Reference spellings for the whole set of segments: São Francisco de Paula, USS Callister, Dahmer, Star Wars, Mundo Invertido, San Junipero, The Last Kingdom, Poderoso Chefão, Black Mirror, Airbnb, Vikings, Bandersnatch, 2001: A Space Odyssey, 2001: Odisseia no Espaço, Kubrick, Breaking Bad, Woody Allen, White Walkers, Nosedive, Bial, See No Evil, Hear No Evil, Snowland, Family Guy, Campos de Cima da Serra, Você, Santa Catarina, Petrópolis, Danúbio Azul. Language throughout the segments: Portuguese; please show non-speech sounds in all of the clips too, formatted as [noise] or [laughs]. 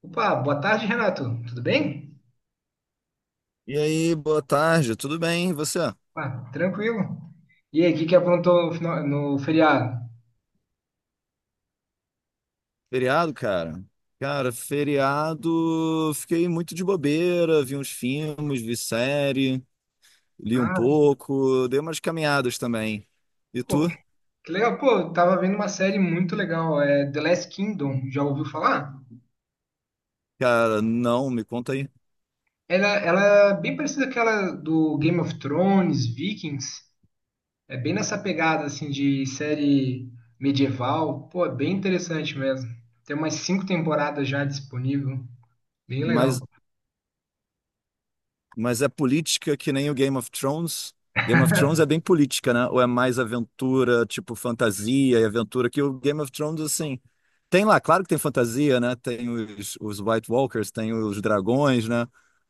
Opa, boa tarde, Renato. Tudo bem? E aí, boa tarde, tudo bem? E você? Ah, tranquilo. E aí, o que que aprontou no, no feriado? Feriado, cara? Cara, feriado, fiquei muito de bobeira, vi uns filmes, vi série, li um Ah, pouco, dei umas caminhadas também. E pô, tu? que legal. Pô, eu tava vendo uma série muito legal, é The Last Kingdom. Já ouviu falar? Cara, não, me conta aí. Ela é bem parecida com aquela do Game of Thrones, Vikings. É bem nessa pegada, assim, de série medieval. Pô, é bem interessante mesmo. Tem umas cinco temporadas já disponível. Bem legal. Mas, mas é política que nem o Game of Thrones? Game of Thrones é bem política, né? Ou é mais aventura, tipo fantasia e aventura, que o Game of Thrones, assim, tem lá, claro que tem fantasia, né? Tem os White Walkers, tem os dragões, né?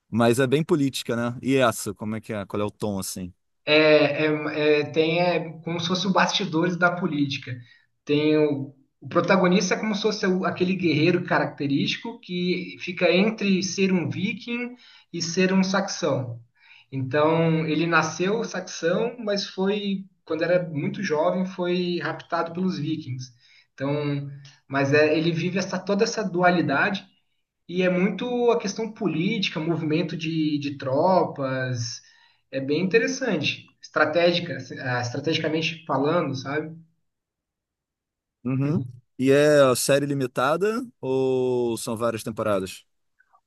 Mas é bem política, né? E essa, como é que é? Qual é o tom, assim? Tem como se fosse o bastidores da política. Tem o, o protagonista é como se fosse aquele guerreiro característico que fica entre ser um viking e ser um saxão. Então, ele nasceu saxão, mas foi, quando era muito jovem, foi raptado pelos vikings. Então, mas é, ele vive essa, toda essa dualidade e é muito a questão política, movimento de tropas, é bem interessante, estratégica, estrategicamente falando, sabe? Uhum. E é série limitada ou são várias temporadas?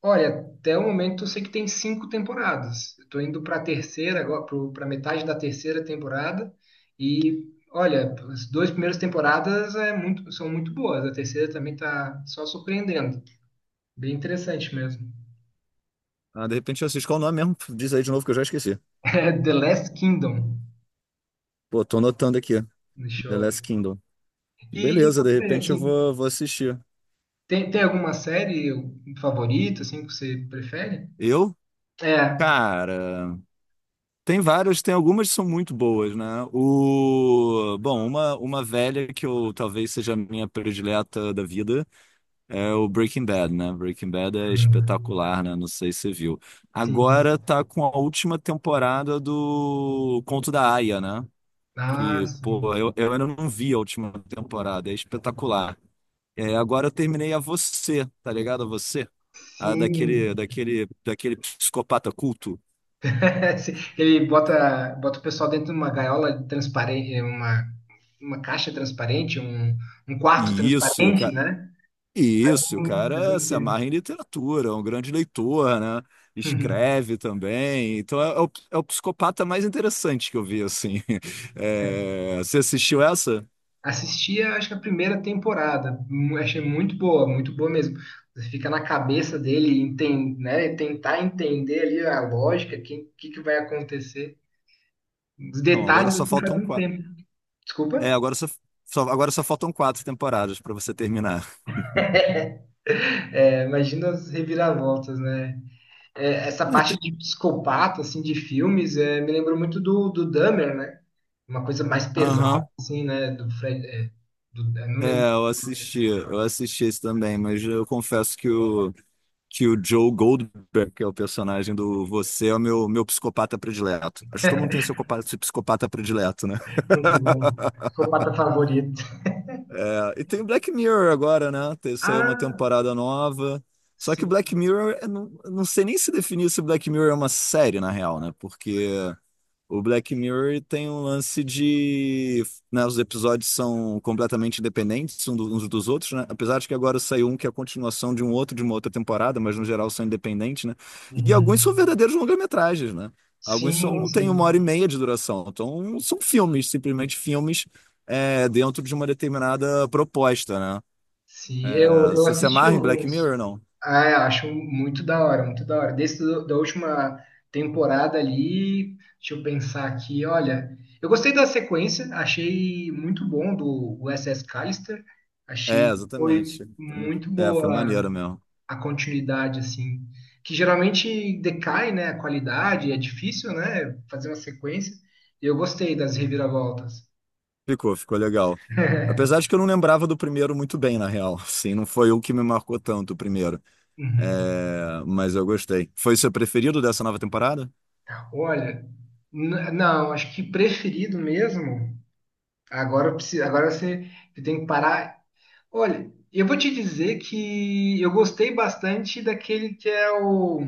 Olha, até o momento eu sei que tem cinco temporadas. Eu tô indo para a terceira agora, para metade da terceira temporada e olha, as duas primeiras temporadas é muito, são muito boas. A terceira também tá só surpreendendo, bem interessante mesmo. [laughs] Ah, de repente eu assisto. Qual o nome mesmo? Diz aí de novo que eu já esqueci. É The Last Kingdom Pô, tô anotando aqui. no The show. Last Kingdom. E Beleza, de você, repente eu assim, vou assistir. tem alguma série favorita, assim, que você prefere? Eu? É. Cara, tem várias, tem algumas que são muito boas, né? O... Bom, uma, velha que eu talvez seja a minha predileta da vida. É o Breaking Bad, né? Breaking Bad é Hum, espetacular, né? Não sei se você viu. sim. Agora tá com a última temporada do Conto da Aia, né? Ah, Que, pô, sim. eu ainda não vi a última temporada, é espetacular. É, agora eu terminei a Você, tá ligado? A Você? A daquele, Sim. daquele, daquele psicopata culto. [laughs] Sim. Ele bota o pessoal dentro de uma gaiola transparente, uma caixa transparente, um quarto E isso, e o transparente, cara. né? Isso, o faz cara um se amarra em tempo. literatura, é um grande leitor, né? [laughs] Escreve também. Então é, é o psicopata mais interessante que eu vi, assim. [laughs] É, você assistiu essa? Assisti, acho que a primeira temporada. Achei muito boa mesmo. Você fica na cabeça dele, né? Tentar entender ali a lógica, que vai acontecer. Os Não, agora detalhes só assim faz faltam muito quatro. tempo. É, Desculpa. agora só, agora só faltam quatro temporadas para você terminar. É, imagina as reviravoltas, né? É, essa É, parte te- de psicopata, assim, de filmes, é, me lembrou muito do, do Dahmer, né? Uma coisa mais pesada, Aham. assim, né? Do Fred. É, do- eu não lembro É, eu assisti esse também, mas eu confesso que que o Joe Goldberg, que é o personagem do Você, é o meu psicopata predileto. Acho que todo mundo tem seu psicopata predileto, né? muito bom. Psicopata favorito. É, e tem o Black Mirror agora, né? Saiu uma Ah, temporada nova. Só que o sim. Black Mirror, eu não sei nem se definir se o Black Mirror é uma série, na real, né? Porque o Black Mirror tem um lance de, né, os episódios são completamente independentes uns dos outros, né? Apesar de que agora saiu um que é a continuação de um outro de uma outra temporada, mas no geral são independentes, né? E alguns são Uhum. verdadeiros longa-metragens, né? Alguns Sim, são têm sim. uma hora e meia de duração, então são filmes, simplesmente filmes é, dentro de uma determinada proposta, né? Sim, eu, É, eu você se assisti amarra em Black alguns. Mirror, não? Ah, eu acho muito da hora, muito da hora. Desde do, da última temporada ali, deixa eu pensar aqui, olha. Eu gostei da sequência, achei muito bom do USS Callister. É, Achei que foi exatamente. muito É, foi boa maneiro mesmo. a continuidade, assim. Que geralmente decai, né, a qualidade, é difícil, né, fazer uma sequência. Eu gostei das reviravoltas. Ficou legal. Apesar [laughs] de que eu não lembrava do primeiro muito bem, na real. Assim, não foi o que me marcou tanto o primeiro. Uhum. É, mas eu gostei. Foi o seu preferido dessa nova temporada? Olha, não, acho que preferido mesmo. Agora, eu preciso, agora você, você tem que parar. Olha, eu vou te dizer que eu gostei bastante daquele que é o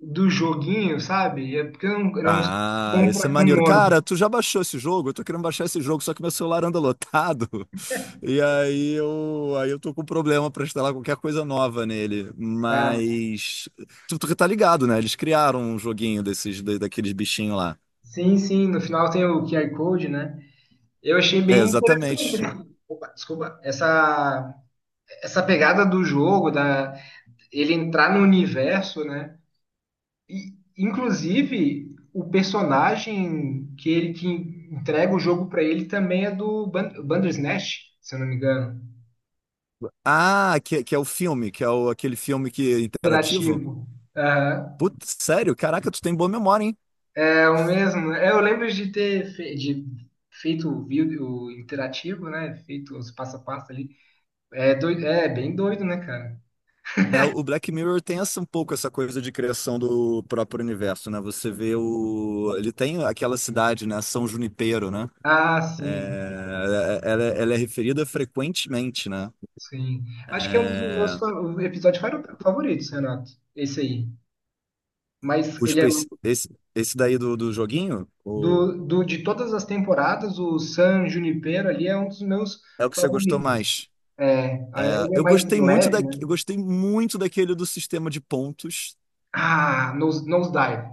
do joguinho, sabe? É porque eu não sou Ah, bom esse é para com maneiro. nome. Cara, tu já baixou esse jogo? Eu tô querendo baixar esse jogo, só que meu celular anda lotado. [laughs] E aí eu tô com problema pra instalar qualquer coisa nova nele. Ah, Mas tu tá ligado, né? Eles criaram um joguinho desses, daqueles bichinhos lá. sim, sim, no final tem o QR Code, né? Eu achei É, bem interessante, exatamente. né? Opa, desculpa, essa pegada do jogo, da, ele entrar no universo, né? E, inclusive, o personagem que entrega o jogo pra ele também é do Bandersnatch, se eu não me engano. Ah, que é o filme, que é o, aquele filme que é interativo? Interativo. Aham. Putz, sério? Caraca, tu tem boa memória, hein? É o mesmo, né? É, eu lembro de ter fe- de feito o vídeo interativo, né? Feito os passo a passo ali. É, doido, é bem doido, né, cara? É, o Black Mirror tem essa, um pouco essa coisa de criação do próprio universo, né? Você vê o... Ele tem aquela cidade, né? São Junipero, né? Ah, sim, É, é, ela é referida frequentemente, né? sim. Acho que é um dos meus É, episódios favoritos, Renato. Esse aí. Mas os, ele é esse, esse daí do, do joguinho, o... Do, do, de todas as temporadas, o San Junipero ali é um dos meus É o que você gostou favoritos. mais. É, É, ele é eu mais gostei muito leve, da, né? eu gostei muito daquele do sistema de pontos. Ah, Nosedive.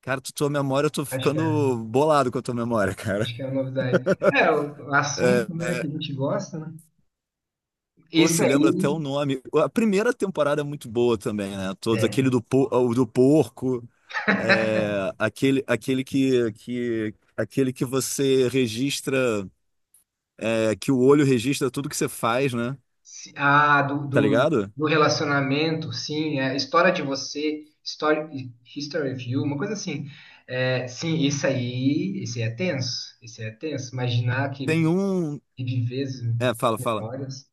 Cara, tu, tua memória, eu tô Acho que é. ficando bolado com a tua memória, [laughs] cara. Acho que é o Nosedive. É, o É, assunto, né, que é, a gente gosta, né? pô, Esse você aí, lembra até o nome. A primeira temporada é muito boa também, né? Todos, é. aquele do, o do porco, [laughs] é, aquele, aquele que você registra, é, que o olho registra tudo que você faz, né? Ah, do, Tá do, ligado? do relacionamento, sim, é, história de você, story, history of you, uma coisa assim. É, sim, isso aí, esse é tenso, esse é tenso. Imaginar que Tem um. reviver as É, fala. memórias.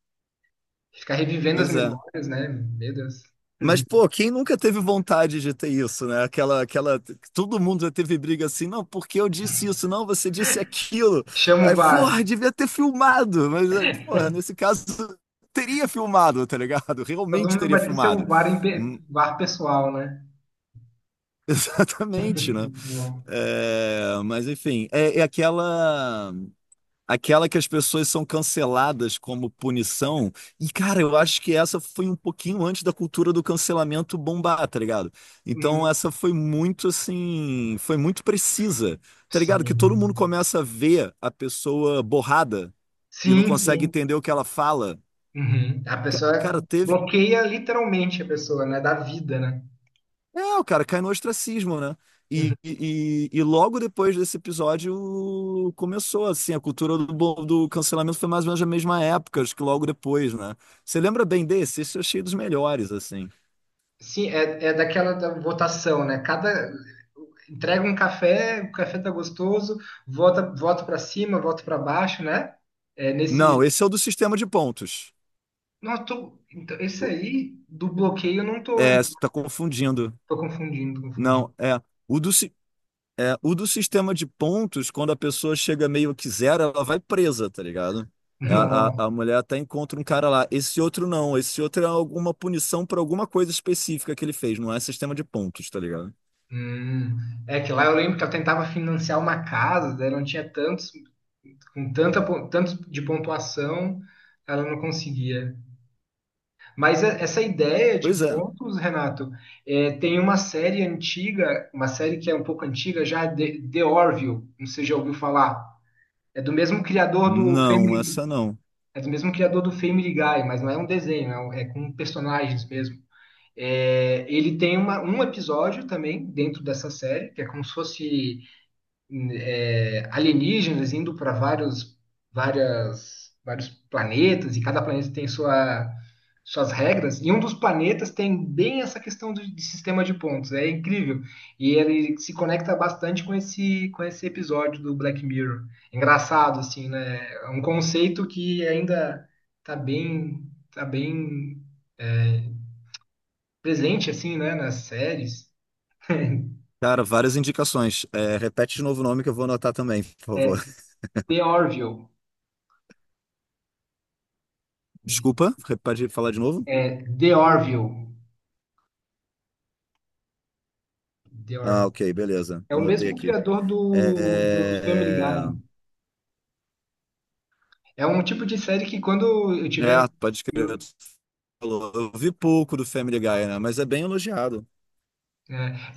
Ficar revivendo as Pois é. memórias, né? Meu Deus. Mas, [laughs] pô, quem nunca teve vontade de ter isso, né? Aquela, todo mundo já teve briga assim, não, porque eu disse isso, não, você disse aquilo. Chama o Aí, VAR. porra, devia ter filmado, mas, porra, nesse caso, [laughs] teria filmado, tá ligado? [laughs] Todo Realmente mundo teria vai ter seu filmado. VAR, em Hum. VAR pessoal, né? [laughs] Exatamente, né? [laughs] É, mas, enfim, é, é aquela. Aquela que as pessoas são canceladas como punição. E, cara, eu acho que essa foi um pouquinho antes da cultura do cancelamento bombar, tá ligado? Então, Hum, essa foi muito, assim, foi muito precisa, tá ligado? Que todo mundo sim. começa a ver a pessoa borrada e não Sim, consegue sim. entender o que ela fala. Uhum. A Cara, pessoa teve... bloqueia literalmente a pessoa, né? Da vida, né? É, o cara cai no ostracismo, né? Uhum. E, e logo depois desse episódio começou, assim, a cultura do, do cancelamento foi mais ou menos a mesma época, acho que logo depois, né? Você lembra bem desse? Esse eu achei dos melhores, assim. Sim, é, é daquela da votação, né? Cada entrega um café, o café tá gostoso, volta, volta para cima, volta para baixo, né? É nesse... Não, esse é o do sistema de pontos. Nossa, tô... então, esse O- aí do bloqueio eu não tô É, lembrando. você tá confundindo. Tô confundindo. Não, é. O do, si- É, o do sistema de pontos, quando a pessoa chega meio que zero, ela vai presa, tá ligado? É, [laughs] A, Nossa. a, a mulher até encontra um cara lá. Esse outro não, esse outro é alguma punição por alguma coisa específica que ele fez, não é sistema de pontos, tá ligado? Hum. É que lá eu lembro que ela tentava financiar uma casa, daí não tinha tantos, com tanta, tantos de pontuação, ela não conseguia. Mas essa ideia de Pois é. pontos, Renato, é, tem uma série antiga, uma série que é um pouco antiga já, The Orville, não sei se já ouviu falar. É do mesmo criador do Não, Family, essa não. é do mesmo criador do Family Guy, mas não é um desenho, é com personagens mesmo. É, ele tem uma, um episódio também dentro dessa série, que é como se fosse é, alienígenas indo para várias, vários planetas, e cada planeta tem sua, suas regras, e um dos planetas tem bem essa questão de sistema de pontos, é incrível. E ele se conecta bastante com esse episódio do Black Mirror. Engraçado, assim, né? É um conceito que ainda está bem, tá bem presente, assim, né, nas séries. Cara, várias indicações. É, repete de novo o nome que eu vou anotar também, por favor. [laughs] The Orville. Desculpa, pode falar de novo? É, The Orville. The Ah, Orville. ok, beleza. É o Anotei mesmo aqui. criador do, do Family É, Guy. É um tipo de série que quando eu é, tiver. pode crer. eu- Tu falou. Eu vi pouco do Family Guy, né? Mas é bem elogiado.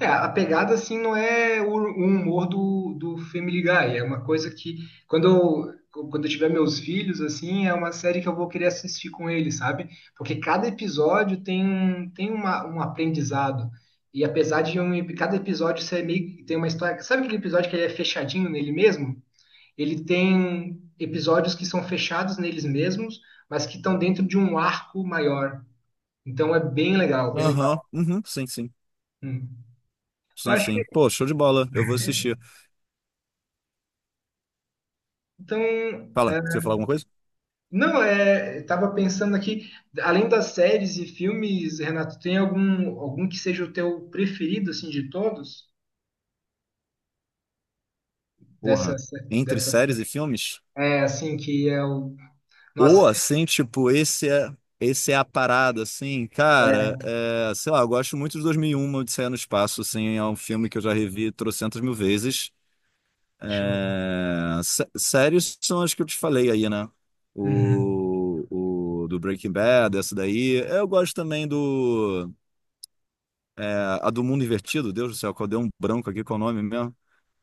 É, é, a pegada assim não é o humor do, do Family Guy. É uma coisa que quando quando eu tiver meus filhos, assim, é uma série que eu vou querer assistir com eles, sabe? Porque cada episódio tem uma, um aprendizado. E apesar de um, cada episódio ser meio, tem uma história. Sabe aquele episódio que ele é fechadinho nele mesmo? Ele tem episódios que são fechados neles mesmos, mas que estão dentro de um arco maior. Então é bem legal, bem Aham, legal. uhum, sim, sim. Hum. Eu Sim, acho sim. que, Pô, show de bola. Eu vou assistir. então, Fala, você é, ia falar alguma coisa? não, é, estava pensando aqui, além das séries e filmes, Renato, tem algum algum que seja o teu preferido assim de todos? Porra. Dessas, Entre dessas, séries e filmes? é assim que é o... nossa, Ou assim, tipo, esse é a parada, assim, cara. É, sei lá, eu gosto muito de 2001, Odisseia no Espaço, assim. É um filme que eu já revi trocentas mil vezes. deixa eu- É, séries são as que eu te falei aí, né? uhum. O do Breaking Bad, essa daí. Eu gosto também do. É, a do Mundo Invertido, Deus do céu, qual deu um branco aqui com o nome mesmo.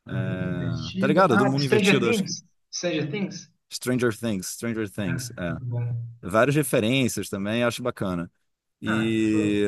Tô muito É, tá divertido. ligado? A do Ah, Mundo Stranger Invertido, acho que... Things, Stranger Things. Stranger Things. Ah, É. muito bom. Várias referências também, acho bacana. Ah, E,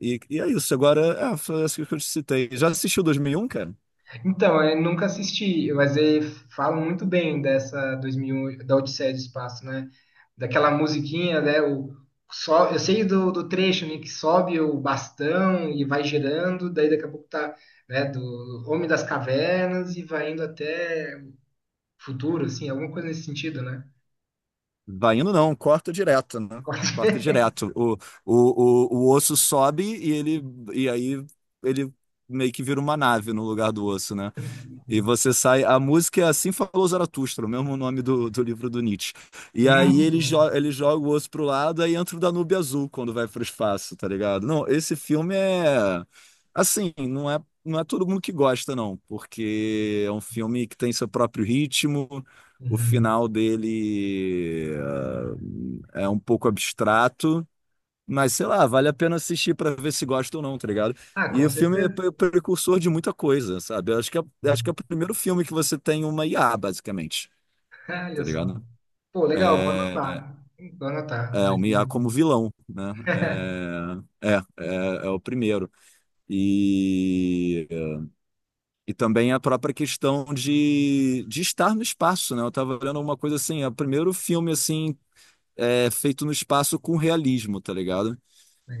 e é isso, agora é, foi essa que eu te citei. Já assistiu 2001, cara? então, eu nunca assisti, mas falam muito bem dessa 2001, da Odisseia do Espaço, né? Daquela musiquinha, né? O, só, eu sei do, do trecho, né? Que sobe o bastão e vai girando, daí daqui a pouco tá, né? Do Homem das Cavernas e vai indo até o futuro, assim, alguma coisa nesse sentido, né? Vai indo não, corta direto, né? Corta [laughs] direto. O osso sobe e ele e aí ele meio que vira uma nave no lugar do osso, né? E você sai. A música é Assim Falou Zaratustra, o mesmo nome do, do livro do Nietzsche. E aí Muito, ele, jo né? ele joga o osso pro lado, aí entra o Danúbio Azul quando vai pro espaço, tá ligado? Não, esse filme é... Assim, não é todo mundo que gosta, não, porque é um filme que tem seu próprio ritmo, o Uhum. final dele é um pouco abstrato. Mas sei lá, vale a pena assistir pra ver se gosta ou não, tá ligado? Ah, E com o filme é certeza. Precursor de muita coisa, sabe? Eu acho que é o primeiro filme que você tem uma IA, basicamente, [laughs] Olha tá só. ligado? Pô, legal, vou É, anotar. Vou anotar. é uma IA como 2001. vilão, né? [laughs] É, é, é, é o primeiro. E, e também a própria questão de estar no espaço, né? Eu tava olhando uma coisa assim, é o primeiro filme assim é, feito no espaço com realismo, tá ligado?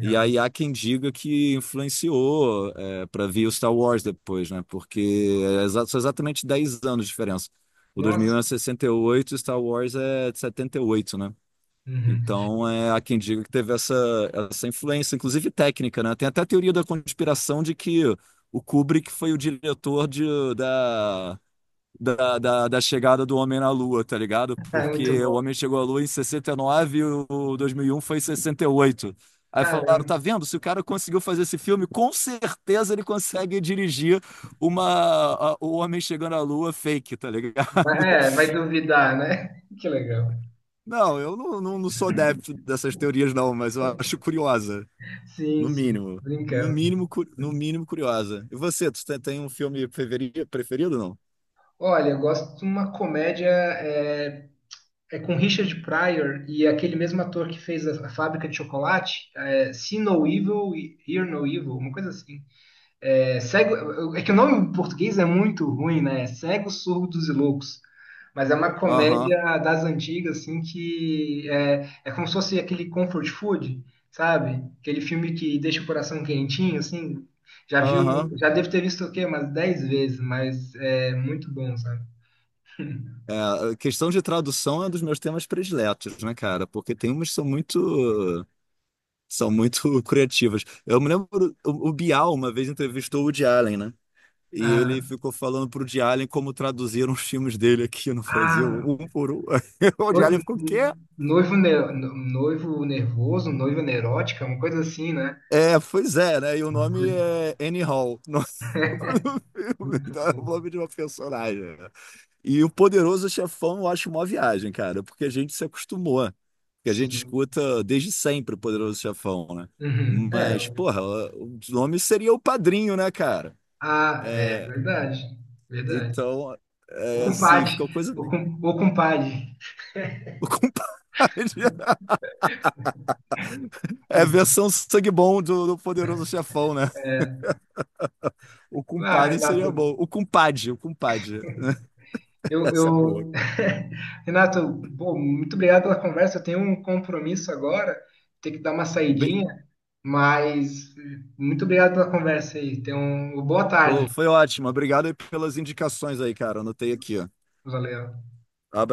E aí há quem diga que influenciou é, para vir o Star Wars depois, né? Porque é são exatamente 10 anos de diferença. O 2001 Nossa. é 68, o Star Wars é de 78, né? Uhum. Então é, há quem diga que teve essa, essa influência, inclusive técnica, né? Tem até a teoria da conspiração de que o Kubrick foi o diretor de, da da chegada do homem na Lua, tá ligado? Ah, muito Porque o bom. homem chegou à Lua em 69 e o 2001 foi em 68. Aí falaram, Caramba. tá vendo? Se o cara conseguiu fazer esse filme, com certeza ele consegue dirigir uma o homem chegando à Lua fake, tá ligado? [laughs] É, vai duvidar, né? [laughs] Que legal. Não, não sou adepto dessas teorias não, mas eu acho curiosa, Sim, no sim, mínimo. No brincando. mínimo, no mínimo curiosa. E você, tu tem um filme preferido, não? Olha, eu gosto de uma comédia é com Richard Pryor e aquele mesmo ator que fez a Fábrica de Chocolate, é, See No Evil, Hear No Evil, uma coisa assim. É, cego, é que o nome em português é muito ruim, né? É Cegos, Surdos e Loucos. Mas é uma Aham, comédia das antigas, assim, que é, é como se fosse aquele comfort food, sabe? Aquele filme que deixa o coração quentinho, assim. Já viu, aham. já devo ter visto o quê? Umas 10 vezes, mas é muito bom, sabe? É, a questão de tradução é um dos meus temas prediletos, né, cara? Porque tem umas que são muito [laughs] criativas. Eu me lembro, o Bial uma vez entrevistou o Woody Allen, né? E ele Ah, ficou falando pro Woody Allen como traduziram os filmes dele aqui no Brasil, ah, um por um. [laughs] O Woody noivo, Allen ficou, quê? noivo, ne- noivo nervoso, noiva neurótica, uma coisa assim, né? É, pois é, né? E o Uma nome coisa é Annie Hall, [laughs] o nome do filme, muito então é o boa. nome de uma personagem. E o Poderoso Chefão eu acho uma viagem, cara, porque a gente se acostumou, porque a gente Sim. escuta desde sempre o Poderoso Chefão, né? Uhum. É, Mas, porra, o nome seria o Padrinho, né, cara? ah, é É, verdade, verdade. então, O é, assim, compadre, ficou coisa. O compadre. O compadre [laughs] é a versão sangue bom do, do Poderoso Chefão, né? O Ah, compadre seria Renato, bom. O compadre. eu, Essa é boa, eu... cara. [laughs] Renato, pô, muito obrigado pela conversa. Eu tenho um compromisso agora, ter que dar uma Be- saidinha, mas eh, muito obrigado pela conversa aí. Tenha uma boa tarde. Foi ótimo. Obrigado aí pelas indicações aí, cara. Anotei aqui, ó. Valeu. Abra-